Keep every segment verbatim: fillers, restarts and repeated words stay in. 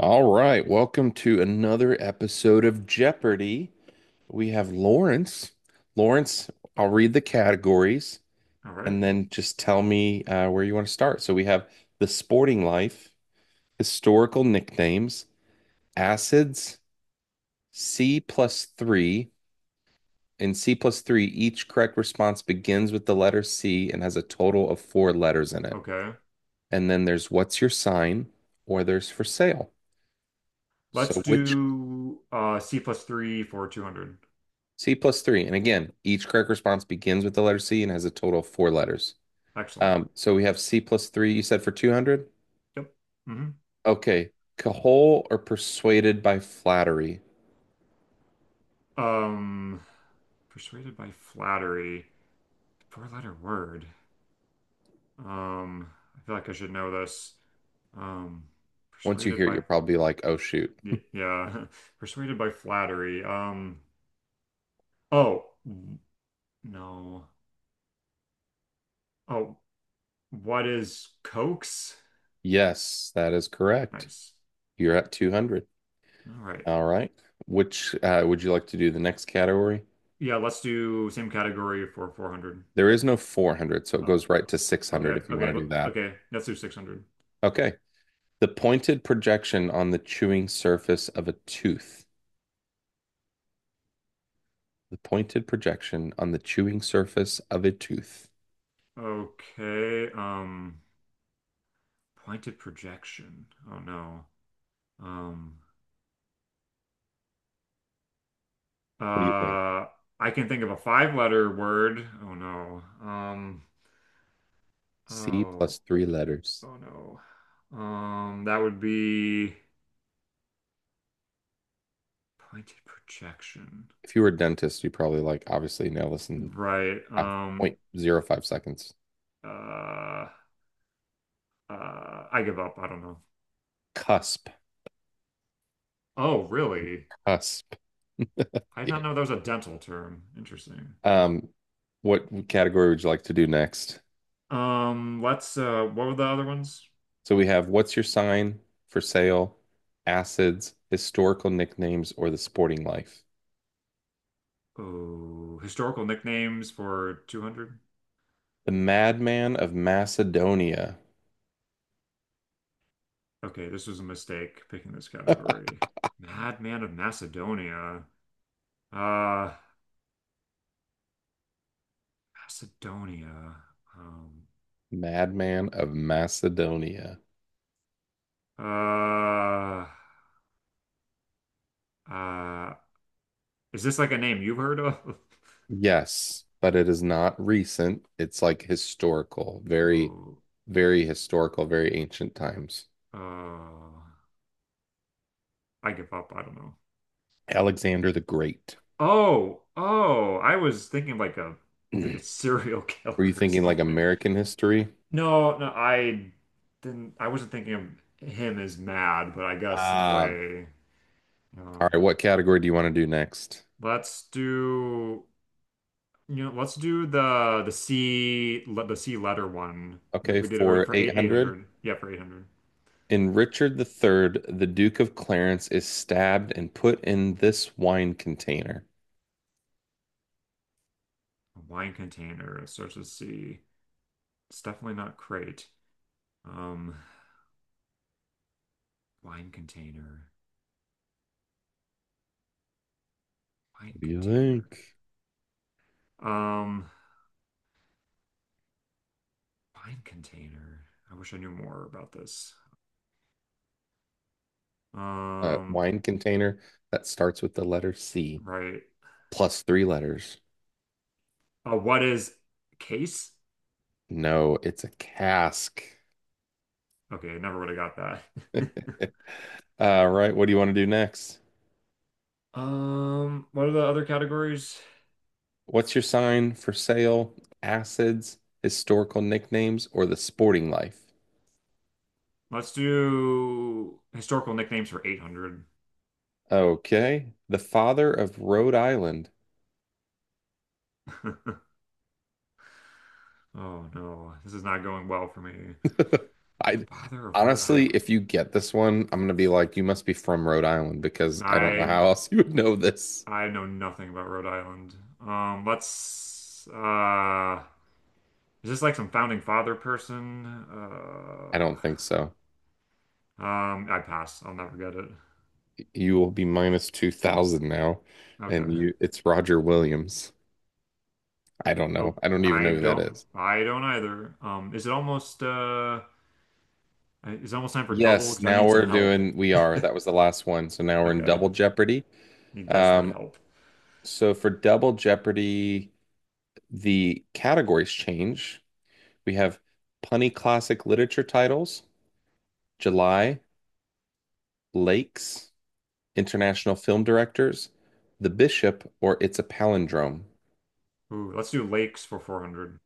All right, welcome to another episode of Jeopardy. We have Lawrence. Lawrence, I'll read the categories All right. and then just tell me uh, where you want to start. So we have the sporting life, historical nicknames, acids, C plus three, and C plus three. Each correct response begins with the letter C and has a total of four letters in it. Okay. And then there's what's your sign, or there's for sale. Let's So which do uh C plus three for two hundred. C plus three. And again, each correct response begins with the letter C and has a total of four letters. Excellent. Um, so we have C plus three, you said for two hundred? Yep. Hmm. Okay. Cajole or persuaded by flattery? Um, Persuaded by flattery. Four-letter word. Um, I feel like I should know this. Um, Once you Persuaded hear it, you'll by probably be like, oh, shoot. y- yeah, persuaded by flattery. Um, oh, w- no. Oh, what is coax? Yes, that is correct. Nice. You're at two hundred. All right. All right. Which uh, would you like to do the next category? Yeah, let's do same category for four hundred. There is no four hundred, so it goes right to six hundred Okay, if you okay, want to well, do that. okay. Let's do six hundred. Okay. The pointed projection on the chewing surface of a tooth. The pointed projection on the chewing surface of a tooth. Okay, um, pointed projection. Oh no. Um, What do you think? uh, I can think of a five-letter word. Oh no. Um, C plus Oh, three letters. oh no. Um, that would be pointed projection. If you were a dentist, you probably like obviously nail this in zero Right. Um, point zero 0.05 seconds. uh, uh, I give up. I don't know. Cusp. Oh, really? Cusp. I did Yeah. not know that was a dental term. Interesting. Um, what category would you like to do next? Um, let's uh what were the other ones? So we have what's your sign for sale, acids, historical nicknames, or the sporting life? Oh, historical nicknames for two hundred? The madman of Macedonia. Okay, this was a mistake picking this category. Madman of Macedonia. Uh, Macedonia. Um, Madman of Macedonia. uh, uh, is this like a name you've heard of? Yes, but it is not recent. It's like historical, very, Oh, very historical, very ancient times. uh, I give up. I don't know. Alexander the Great. Oh, oh, I was thinking like a like a Were serial killer you or thinking like something. American history? No, no, I didn't. I wasn't thinking of him as mad, but I guess in a Ah, way. uh, all right. What category do you want to do next? let's do you know, let's do the the C le- the C letter one that Okay, we did ear- for for eight eight eight hundred. hundred. Yeah, for eight hundred. In Richard the Third, the Duke of Clarence is stabbed and put in this wine container. A wine container, it starts with C. It's definitely not crate. Um, Wine container, wine What do you container, think? um, wine container. I wish I knew more about this. A Um, wine container that starts with the letter C right. plus three letters. Uh, what is case? No, it's a cask. Okay, I never would have got that. Uh, right. What do you want to do next? Um, what are the other categories? What's your sign for sale? Acids, historical nicknames, or the sporting life? Let's do historical nicknames for eight hundred. Okay. The father of Rhode Island. Oh no, this is not going well for me. I Father of Rhode honestly, Island. if you get this one, I'm gonna be like, you must be from Rhode Island because I don't know I how else you would know this. I know nothing about Rhode Island. Um, let's uh is this like some founding father person? I Uh, don't think so. um, I pass. I'll never get it. You will be minus two thousand now, and Okay. you it's Roger Williams. I don't know. Oh, I don't even I know who that don't. is. I don't either. Um, is it almost uh? uh, is it almost time for double? Yes, Because I now need some we're help. doing, we are. That was the last one. So now we're in Okay, Double Jeopardy. need desperate Um, help. so for Double Jeopardy, the categories change. We have punny classic literature titles, July, Lakes, international film directors, The Bishop, or It's a Palindrome. Ooh, let's do lakes for four hundred.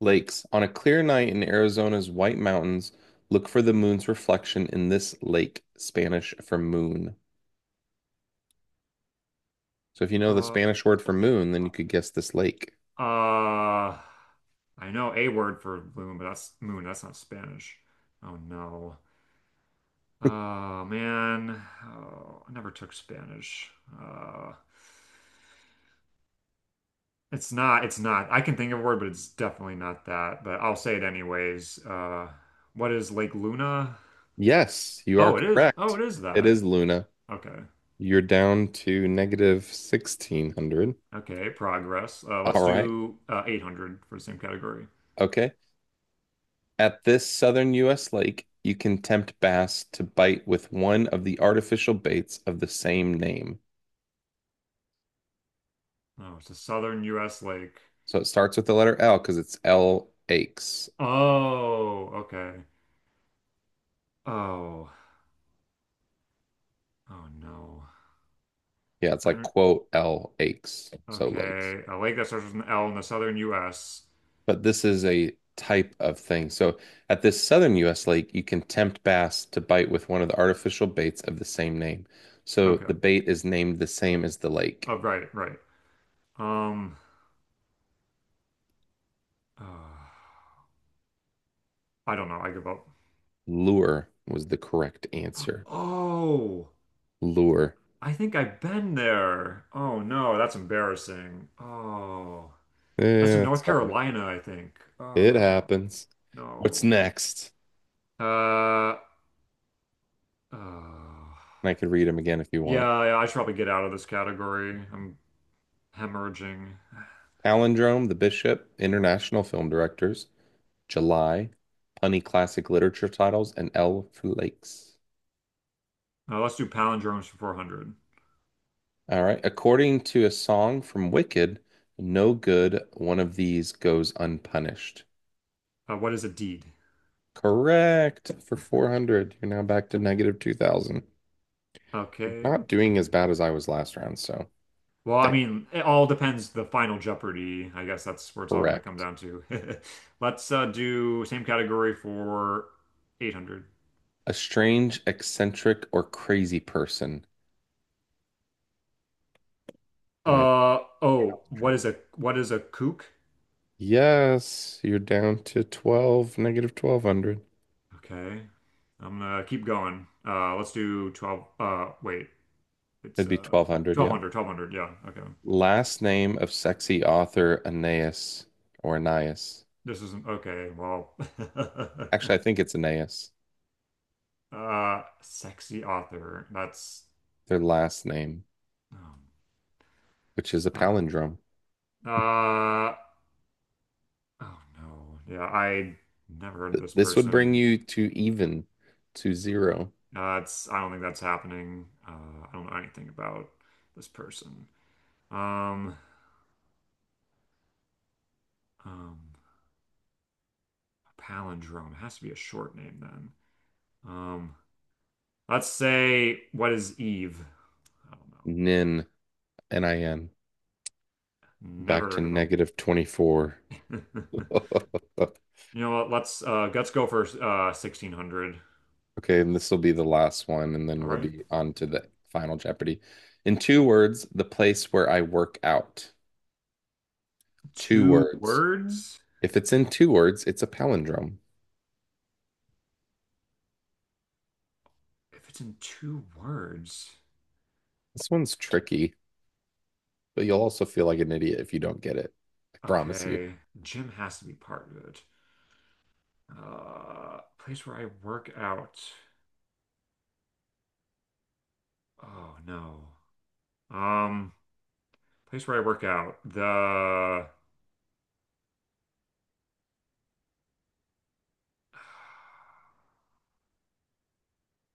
Lakes. On a clear night in Arizona's White Mountains, look for the moon's reflection in this lake, Spanish for moon. So if you know the Uh, Spanish word for moon, then uh, you could guess this lake. I know a word for moon, but that's moon. That's not Spanish. Oh no. Oh man. Oh, I never took Spanish. Uh, it's not. It's not. I can think of a word, but it's definitely not that. But I'll say it anyways. Uh, what is Lake Luna? Yes, you are Oh, it is. Oh, correct. it is It is that. Luna. Okay. You're down to negative sixteen hundred. Okay. Progress. Uh, let's All right. do uh, eight hundred for the same category. Okay. At this southern U S lake, you can tempt bass to bite with one of the artificial baits of the same name. Oh, it's a southern U S lake. So it starts with the letter L because it's L aches. Oh, okay. Oh, oh no. Yeah, it's I like don't. quote L aches. So lakes. Okay. A lake that starts with an L in the southern U S. But this is a type of thing. So at this southern U S lake, you can tempt bass to bite with one of the artificial baits of the same name. So Okay. the bait is named the same as the lake. Oh, right, right. Um, uh, I don't know. I give up. Lure was the correct answer. Oh, Lure. I think I've been there. Oh no, that's embarrassing. Oh, that's in Yeah, it's North all right. Carolina, I think. It Oh. happens. What's No. next? Uh, uh, And I could read them again if you want. yeah, yeah, I should probably get out of this category. I'm hemorrhaging. Palindrome, The Bishop, International Film Directors, July, Punny Classic Literature Titles, and L for Lakes. Uh, let's do palindromes for four hundred. All right. According to a song from Wicked, no good one of these goes unpunished. Uh, what is a deed? Correct for four hundred. You're now back to negative two thousand. Okay. Not doing as bad as I was last round, so Well, I that's mean, it all depends the final Jeopardy. I guess that's where it's all going to come correct. down to. Let's uh, do same category for eight hundred. A strange, eccentric, or crazy person. And it's Uh oh, what is a what is a kook? yes, you're down to twelve, negative twelve hundred. Okay. I'm gonna keep going. Uh let's do twelve uh wait. It's It'd be uh twelve hundred, twelve yep. hundred, twelve hundred. Yeah. Okay. Last name of sexy author Aeneas or Aeneas. This isn't okay. Well, Actually, I think it's Aeneas. uh, sexy author. That's, Their last name, um, which is a uh, palindrome. uh, oh no. Yeah, I never heard of this This would bring person. you to even to zero. Uh, it's I don't think that's happening. Uh, I don't know anything about this person. Um, um, Palindrome. It has to be a short name then. Um, let's say, what is Eve? I don't know. Nin, N I N, Never back to heard of negative twenty-four. him. You know what? Let's uh let's go for uh sixteen hundred. Okay, and this will be the last one, and then All we'll right. be on to the final Jeopardy. In two words, the place where I work out. Two Two words. words? If it's in two words, it's a palindrome. If it's in two words. This one's tricky, but you'll also feel like an idiot if you don't get it. I promise you. Okay. Gym has to be part of it. Uh place where I work out. Oh no. Um Place where I work out. The.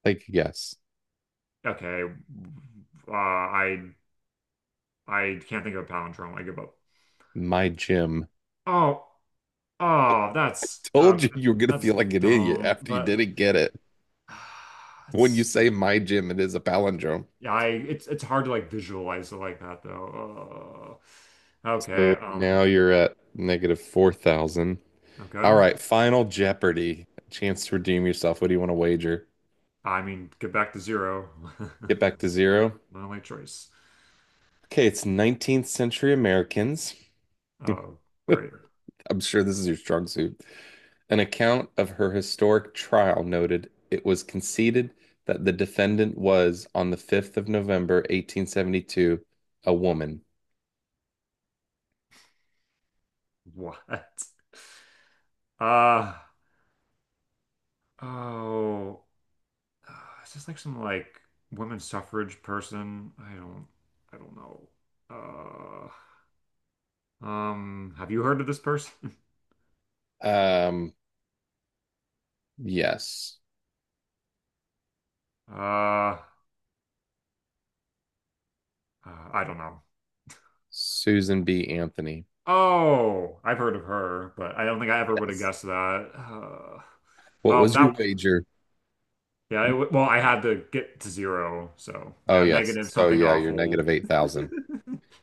Take a guess. Okay. Uh I I can't think of a palindrome. I give up. My gym. Oh, oh, that's uh, Told you you were gonna that's feel like an idiot dumb, after you but didn't get it. that's When you say stupid. my gym, it is a palindrome. Yeah, I it's it's hard to like visualize it like that though. Uh, okay, So um, now you're at negative four thousand. All okay. right, Final Jeopardy. Chance to redeem yourself. What do you want to wager? I mean, get back to zero. Get back to zero. My only choice. Okay, it's nineteenth century Americans. Oh, great. I'm sure this is your strong suit. An account of her historic trial noted it was conceded that the defendant was, on the fifth of November, eighteen seventy-two, a woman. What? Uh, oh, uh, is this like some, like, women's suffrage person? I don't, I don't know. Uh, um, have you heard of this person? Um, Yes. Uh, uh, I don't know. Susan B. Anthony. Oh, I've heard of her, but I don't think I ever would have Yes. guessed that. Uh, What Well, was your that wager? yeah, it, w- well, I had to get to zero, so Oh, yeah, yes. negative So, something yeah, you're awful. negative eight thousand.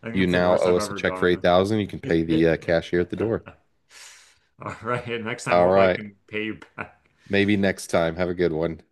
I think You it's the now worst owe I've us a ever check for done. eight thousand. You can pay the uh, cashier at the door. All right, next time, All hopefully I right. can pay you back. Maybe next time. Have a good one.